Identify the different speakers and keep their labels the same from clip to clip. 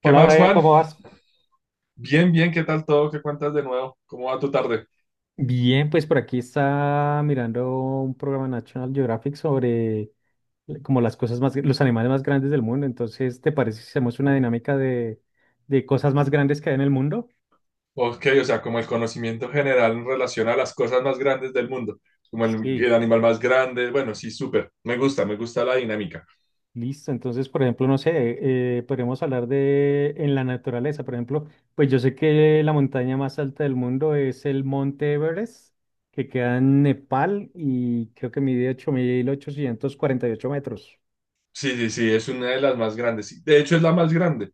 Speaker 1: ¿Qué
Speaker 2: Hola
Speaker 1: más,
Speaker 2: Brian,
Speaker 1: Juan?
Speaker 2: ¿cómo vas?
Speaker 1: Bien, bien, ¿qué tal todo? ¿Qué cuentas de nuevo? ¿Cómo va tu tarde?
Speaker 2: Bien, pues por aquí está mirando un programa National Geographic sobre como las cosas más, los animales más grandes del mundo. Entonces, ¿te parece si hacemos una dinámica de, cosas más grandes que hay en el mundo?
Speaker 1: Ok, o sea, como el conocimiento general en relación a las cosas más grandes del mundo, como el
Speaker 2: Sí,
Speaker 1: animal más grande, bueno, sí, súper, me gusta la dinámica.
Speaker 2: listo. Entonces, por ejemplo, no sé, podríamos hablar de en la naturaleza. Por ejemplo, pues yo sé que la montaña más alta del mundo es el Monte Everest, que queda en Nepal y creo que mide 8.848 metros.
Speaker 1: Sí, sí, sí, es una de las más grandes. Y de hecho, es la más grande.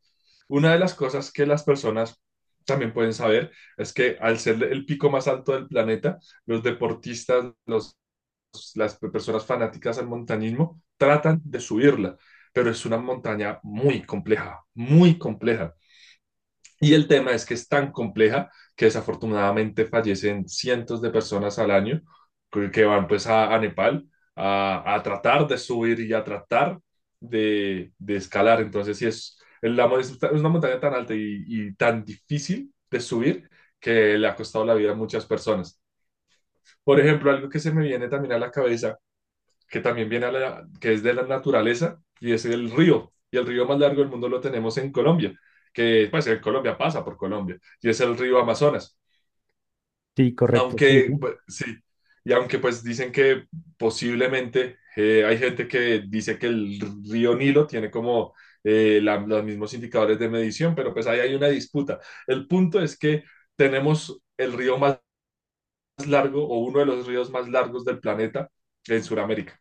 Speaker 1: Una de las cosas que las personas también pueden saber es que al ser el pico más alto del planeta, los deportistas, las personas fanáticas al montañismo tratan de subirla, pero es una montaña muy compleja, muy compleja. Y el tema es que es tan compleja que desafortunadamente fallecen cientos de personas al año que van pues a Nepal a tratar de subir y a tratar de escalar. Entonces, sí, es una montaña tan alta y tan difícil de subir que le ha costado la vida a muchas personas. Por ejemplo, algo que se me viene también a la cabeza que también viene que es de la naturaleza y es el río. Y el río más largo del mundo lo tenemos en Colombia, que pues en Colombia pasa por Colombia, y es el río Amazonas.
Speaker 2: Sí, correcto, sí.
Speaker 1: Aunque, pues, sí, y aunque pues dicen que posiblemente hay gente que dice que el río Nilo tiene como los mismos indicadores de medición, pero pues ahí hay una disputa. El punto es que tenemos el río más largo o uno de los ríos más largos del planeta en Sudamérica.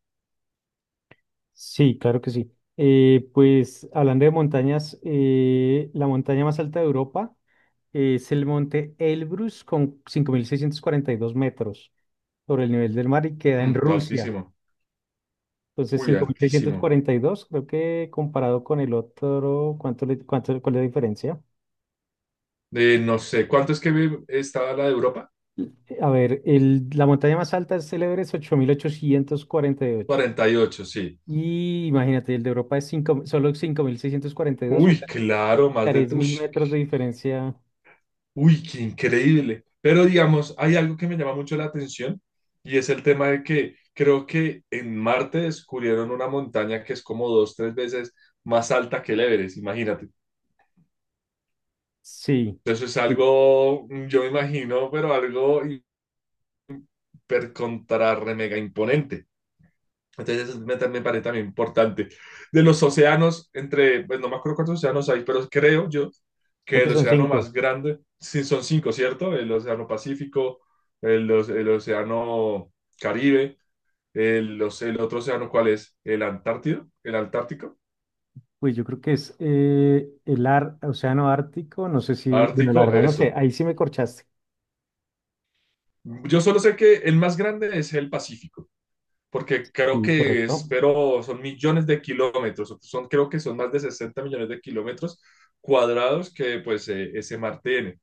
Speaker 2: Sí, claro que sí. Pues hablando de montañas, la montaña más alta de Europa es el monte Elbrus con 5.642 metros sobre el nivel del mar y queda en Rusia.
Speaker 1: Altísimo.
Speaker 2: Entonces,
Speaker 1: Uy,
Speaker 2: cinco mil seiscientos
Speaker 1: altísimo.
Speaker 2: cuarenta y dos, creo que comparado con el otro, cuál es la diferencia?
Speaker 1: No sé, ¿cuánto es que estaba la de Europa?
Speaker 2: A ver, la montaña más alta es el Everest, 8.848
Speaker 1: 48, sí.
Speaker 2: y imagínate, el de Europa es solo 5.642, son
Speaker 1: Uy,
Speaker 2: casi
Speaker 1: claro,
Speaker 2: 3.000
Speaker 1: Ush,
Speaker 2: metros de diferencia.
Speaker 1: uy, qué increíble. Pero digamos, hay algo que me llama mucho la atención y es el tema de que creo que en Marte descubrieron una montaña que es como dos, tres veces más alta que el Everest, imagínate.
Speaker 2: Sí,
Speaker 1: Eso es
Speaker 2: sí,
Speaker 1: algo, yo me imagino, pero algo hiper contra re mega imponente. Entonces eso me parece también importante. De los océanos, pues no me acuerdo cuántos océanos hay, pero creo yo
Speaker 2: creo
Speaker 1: que
Speaker 2: que
Speaker 1: el
Speaker 2: son
Speaker 1: océano más
Speaker 2: cinco.
Speaker 1: grande, sí, son cinco, ¿cierto? El océano Pacífico, el océano Caribe, el otro océano, ¿cuál es? El Antártido, el Antártico,
Speaker 2: Uy, yo creo que es Océano Ártico, no sé si, bueno, la
Speaker 1: Ártico,
Speaker 2: verdad no sé,
Speaker 1: eso.
Speaker 2: ahí sí me corchaste.
Speaker 1: Yo solo sé que el más grande es el Pacífico, porque creo
Speaker 2: Sí,
Speaker 1: que es,
Speaker 2: correcto.
Speaker 1: pero son millones de kilómetros, creo que son más de 60 millones de kilómetros cuadrados que pues ese mar tiene.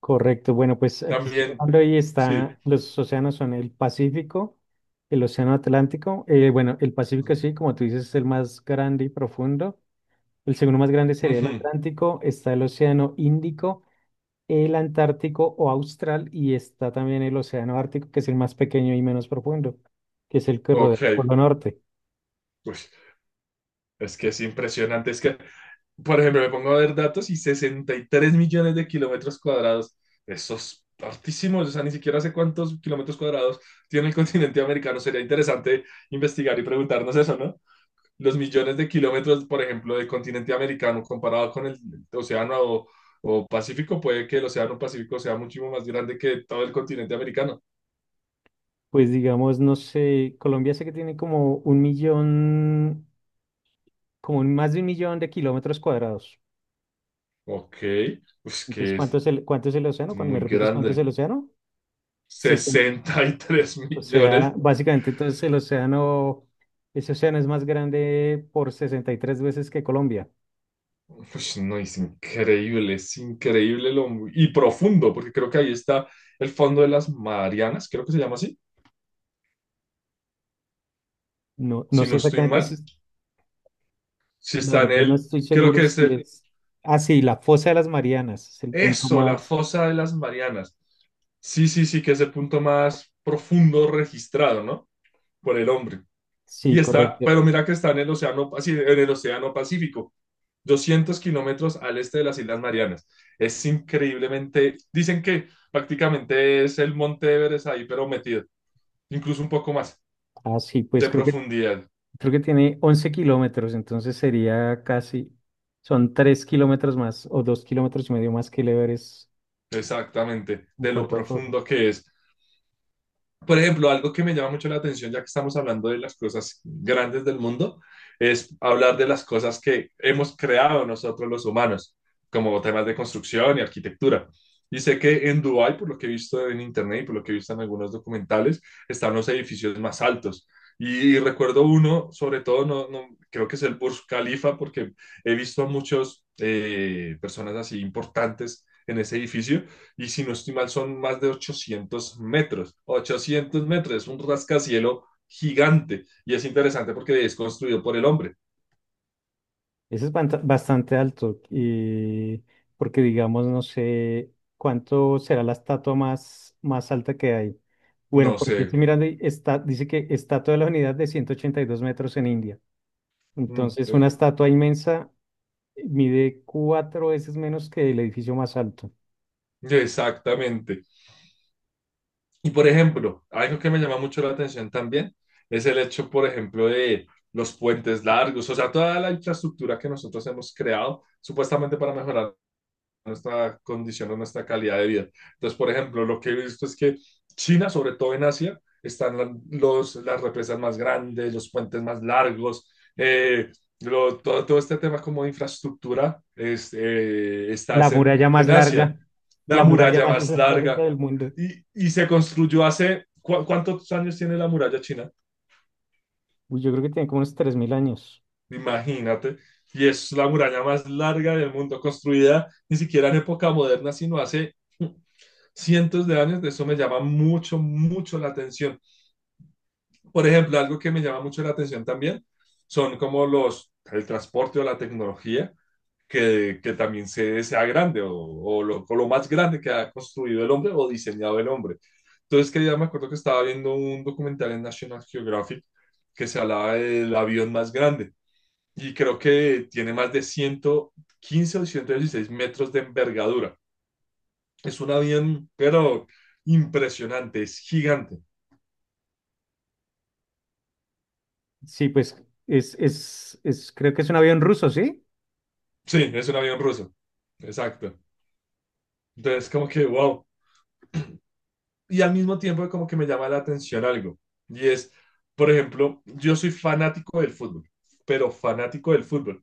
Speaker 2: Correcto, bueno, pues aquí estoy
Speaker 1: También,
Speaker 2: hablando y
Speaker 1: sí.
Speaker 2: está, los océanos son el Pacífico, el Océano Atlántico, bueno, el Pacífico sí, como tú dices, es el más grande y profundo. El segundo más grande sería el
Speaker 1: Ujú.
Speaker 2: Atlántico, está el Océano Índico, el Antártico o Austral y está también el Océano Ártico, que es el más pequeño y menos profundo, que es el que rodea
Speaker 1: Ok,
Speaker 2: el Polo Norte.
Speaker 1: pues es que es impresionante, por ejemplo, me pongo a ver datos y 63 millones de kilómetros cuadrados, esos hartísimos, o sea, ni siquiera sé cuántos kilómetros cuadrados tiene el continente americano, sería interesante investigar y preguntarnos eso, ¿no? Los millones de kilómetros, por ejemplo, del continente americano comparado con el océano o Pacífico, puede que el océano Pacífico sea muchísimo más grande que todo el continente americano.
Speaker 2: Pues digamos, no sé, Colombia sé que tiene como un millón, como más de un millón de kilómetros cuadrados.
Speaker 1: Ok, pues
Speaker 2: Entonces,
Speaker 1: que
Speaker 2: ¿cuánto
Speaker 1: es
Speaker 2: es el, cuánto es el océano? Cuando me
Speaker 1: muy
Speaker 2: repites, ¿cuánto es
Speaker 1: grande.
Speaker 2: el océano? Sesenta
Speaker 1: 63
Speaker 2: O
Speaker 1: millones.
Speaker 2: sea, básicamente entonces el océano, ese océano es más grande por 63 veces que Colombia.
Speaker 1: Pues no, es increíble y profundo, porque creo que ahí está el fondo de las Marianas, creo que se llama así,
Speaker 2: No, no
Speaker 1: si
Speaker 2: sé
Speaker 1: no estoy
Speaker 2: exactamente
Speaker 1: mal.
Speaker 2: si.
Speaker 1: Si
Speaker 2: La
Speaker 1: está en
Speaker 2: verdad no
Speaker 1: el,
Speaker 2: estoy
Speaker 1: creo
Speaker 2: seguro
Speaker 1: que es
Speaker 2: si.
Speaker 1: el.
Speaker 2: es... Ah, sí, la fosa de las Marianas es el punto
Speaker 1: Eso, la
Speaker 2: más.
Speaker 1: fosa de las Marianas. Sí, sí, sí, que es el punto más profundo registrado, ¿no? Por el hombre. Y
Speaker 2: Sí,
Speaker 1: está,
Speaker 2: correcto.
Speaker 1: pero mira que está en el océano, en el océano Pacífico, 200 km al este de las Islas Marianas. Es increíblemente, dicen que prácticamente es el Monte Everest ahí, pero metido, incluso un poco más
Speaker 2: Ah, sí, pues
Speaker 1: de
Speaker 2: creo que,
Speaker 1: profundidad,
Speaker 2: creo que tiene 11 kilómetros, entonces sería casi. Son 3 kilómetros más o 2,5 kilómetros más que el Everest
Speaker 1: exactamente,
Speaker 2: en
Speaker 1: de lo
Speaker 2: cuanto a forro.
Speaker 1: profundo que es. Por ejemplo, algo que me llama mucho la atención, ya que estamos hablando de las cosas grandes del mundo, es hablar de las cosas que hemos creado nosotros los humanos, como temas de construcción y arquitectura. Y sé que en Dubái, por lo que he visto en internet y por lo que he visto en algunos documentales, están los edificios más altos. Y recuerdo uno, sobre todo, no, creo que es el Burj Khalifa, porque he visto a muchas personas así importantes en ese edificio y si no estoy mal son más de 800 m. 800 m, es un rascacielo gigante y es interesante porque es construido por el hombre.
Speaker 2: Ese es bastante alto, y porque digamos, no sé cuánto será la estatua más alta que hay.
Speaker 1: No
Speaker 2: Bueno,
Speaker 1: sé,
Speaker 2: porque estoy mirando y está, dice que estatua de la unidad de 182 metros en India.
Speaker 1: mm,
Speaker 2: Entonces,
Speaker 1: eh,
Speaker 2: una estatua inmensa mide cuatro veces menos que el edificio más alto.
Speaker 1: exactamente. Y por ejemplo, algo que me llama mucho la atención también es el hecho, por ejemplo, de los puentes largos, o sea, toda la infraestructura que nosotros hemos creado supuestamente para mejorar nuestra condición o nuestra calidad de vida. Entonces, por ejemplo, lo que he visto es que China, sobre todo en Asia, están las represas más grandes, los puentes más largos, eh, todo, este tema como de infraestructura es, eh, está
Speaker 2: La
Speaker 1: es en,
Speaker 2: muralla más
Speaker 1: en, Asia,
Speaker 2: larga,
Speaker 1: la
Speaker 2: la muralla
Speaker 1: muralla
Speaker 2: más
Speaker 1: más
Speaker 2: larga
Speaker 1: larga.
Speaker 2: del mundo.
Speaker 1: Y se construyó hace, ¿cu ¿cuántos años tiene la muralla china?
Speaker 2: Uy, yo creo que tiene como unos 3.000 años.
Speaker 1: Imagínate. Y es la muralla más larga del mundo, construida ni siquiera en época moderna, sino hace cientos de años, de eso me llama mucho, mucho la atención. Por ejemplo, algo que me llama mucho la atención también son como el transporte o la tecnología que también sea grande o lo más grande que ha construido el hombre o diseñado el hombre. Entonces, que ya me acuerdo que estaba viendo un documental en National Geographic que se hablaba del avión más grande y creo que tiene más de 115 o 116 m de envergadura. Es un avión, pero impresionante, es gigante.
Speaker 2: Sí, pues creo que es un avión ruso, ¿sí?
Speaker 1: Sí, es un avión ruso. Exacto. Entonces, como que, wow. Y al mismo tiempo, como que me llama la atención algo. Y es, por ejemplo, yo soy fanático del fútbol, pero fanático del fútbol.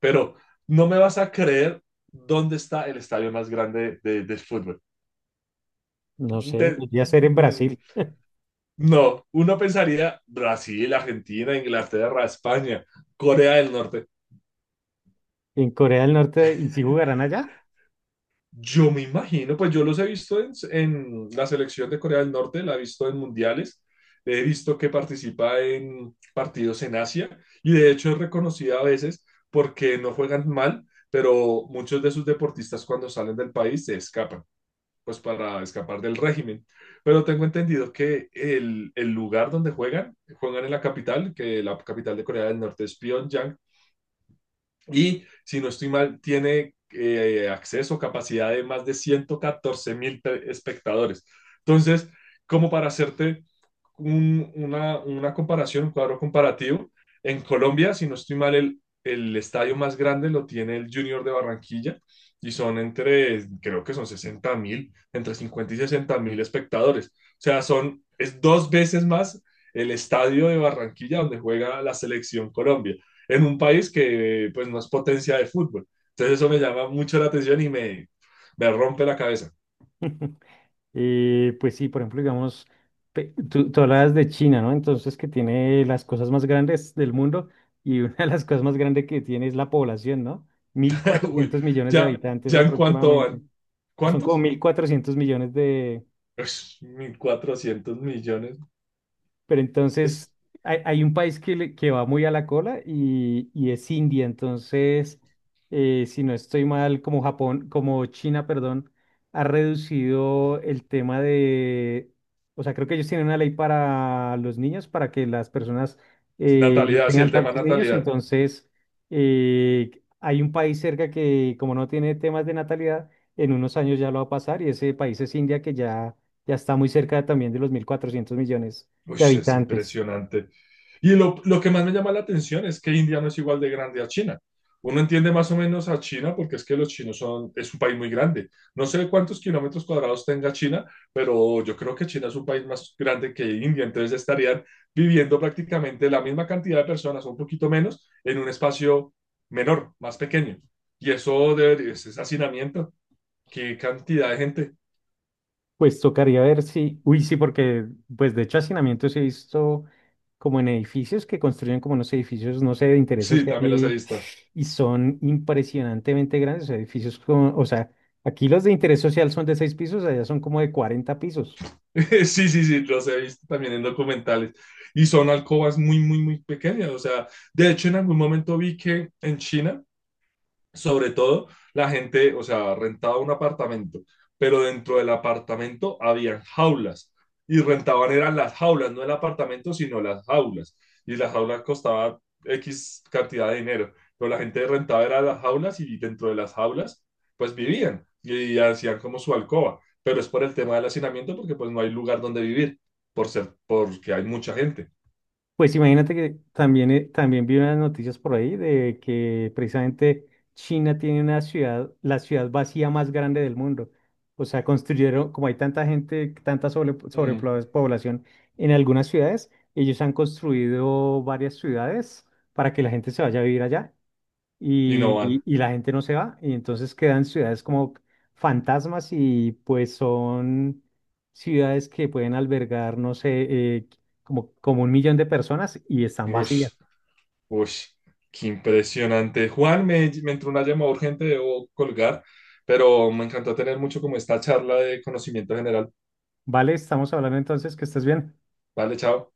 Speaker 1: Pero no me vas a creer dónde está el estadio más grande del fútbol.
Speaker 2: No sé,
Speaker 1: De-
Speaker 2: debería ser en
Speaker 1: mm,
Speaker 2: Brasil,
Speaker 1: no, uno pensaría Brasil, Argentina, Inglaterra, España, Corea del Norte.
Speaker 2: en Corea del Norte, ¿y si jugarán allá?
Speaker 1: Yo me imagino, pues yo los he visto en, la selección de Corea del Norte, la he visto en mundiales, he visto que participa en partidos en Asia y de hecho es reconocida a veces porque no juegan mal, pero muchos de sus deportistas cuando salen del país se escapan, pues para escapar del régimen. Pero tengo entendido que el lugar donde juegan en la capital, que la capital de Corea del Norte es Pyongyang, y si no estoy mal, tiene capacidad de más de 114 mil espectadores. Entonces, como para hacerte una comparación, un cuadro comparativo, en Colombia, si no estoy mal, el estadio más grande lo tiene el Junior de Barranquilla y son creo que son 60 mil, entre 50 y 60 mil espectadores. O sea, es dos veces más el estadio de Barranquilla donde juega la selección Colombia en un país que pues no es potencia de fútbol. Entonces eso me llama mucho la atención y me rompe la cabeza.
Speaker 2: Pues sí, por ejemplo, digamos, tú hablabas de China, ¿no? Entonces, que tiene las cosas más grandes del mundo y una de las cosas más grandes que tiene es la población, ¿no? mil
Speaker 1: Uy,
Speaker 2: cuatrocientos millones de
Speaker 1: ya,
Speaker 2: habitantes
Speaker 1: ya en cuánto
Speaker 2: aproximadamente.
Speaker 1: van.
Speaker 2: Son como
Speaker 1: ¿Cuántos?
Speaker 2: 1.400 millones de.
Speaker 1: Ush, 1.400 millones.
Speaker 2: Pero
Speaker 1: Es
Speaker 2: entonces hay un país que, que va muy a la cola y es India. Entonces, si no estoy mal, como Japón, como China, perdón, ha reducido el tema de, o sea, creo que ellos tienen una ley para los niños, para que las personas no
Speaker 1: natalidad, sí, el
Speaker 2: tengan
Speaker 1: tema
Speaker 2: tantos niños.
Speaker 1: natalidad.
Speaker 2: Entonces, eh, hay un país cerca que como no tiene temas de natalidad, en unos años ya lo va a pasar y ese país es India que ya está muy cerca también de los 1.400 millones
Speaker 1: Uy,
Speaker 2: de
Speaker 1: es
Speaker 2: habitantes.
Speaker 1: impresionante. Y lo que más me llama la atención es que India no es igual de grande a China. Uno entiende más o menos a China porque es que los chinos son, es un país muy grande. No sé cuántos kilómetros cuadrados tenga China, pero yo creo que China es un país más grande que India, entonces estarían viviendo prácticamente la misma cantidad de personas, un poquito menos, en un espacio menor, más pequeño. Y eso ese hacinamiento, qué cantidad de gente.
Speaker 2: Pues tocaría ver si, uy, sí, porque pues de hecho hacinamientos he visto como en edificios que construyen como unos edificios, no sé, de interés
Speaker 1: Sí,
Speaker 2: social
Speaker 1: también las he
Speaker 2: y,
Speaker 1: visto.
Speaker 2: y son impresionantemente grandes, o sea, edificios como, o sea, aquí los de interés social son de seis pisos, allá son como de 40 pisos.
Speaker 1: Sí, sí, sí, los he visto también en documentales. Y son alcobas muy, muy, muy pequeñas. O sea, de hecho, en algún momento vi que en China sobre todo la gente, o sea, rentaba un apartamento, pero dentro del apartamento habían jaulas y rentaban eran las jaulas, no el apartamento, sino las jaulas. Y las jaulas costaban X cantidad de dinero, pero la gente rentaba era las jaulas y dentro de las jaulas pues vivían y hacían como su alcoba, pero es por el tema del hacinamiento porque pues no hay lugar donde vivir por ser porque hay mucha gente.
Speaker 2: Pues imagínate que también, también vi unas noticias por ahí de que precisamente China tiene una ciudad, la ciudad vacía más grande del mundo. O sea, construyeron, como hay tanta gente, tanta
Speaker 1: Mm.
Speaker 2: sobrepoblación en algunas ciudades, ellos han construido varias ciudades para que la gente se vaya a vivir allá
Speaker 1: Y no
Speaker 2: y,
Speaker 1: van.
Speaker 2: y la gente no se va, y entonces quedan ciudades como fantasmas y pues son ciudades que pueden albergar, no sé, como un millón de personas y están vacías.
Speaker 1: Ush. Uy, qué impresionante. Juan, me entró una llamada urgente, debo colgar, pero me encantó tener mucho como esta charla de conocimiento general.
Speaker 2: ¿Vale? Estamos hablando entonces que estés bien.
Speaker 1: Vale, chao.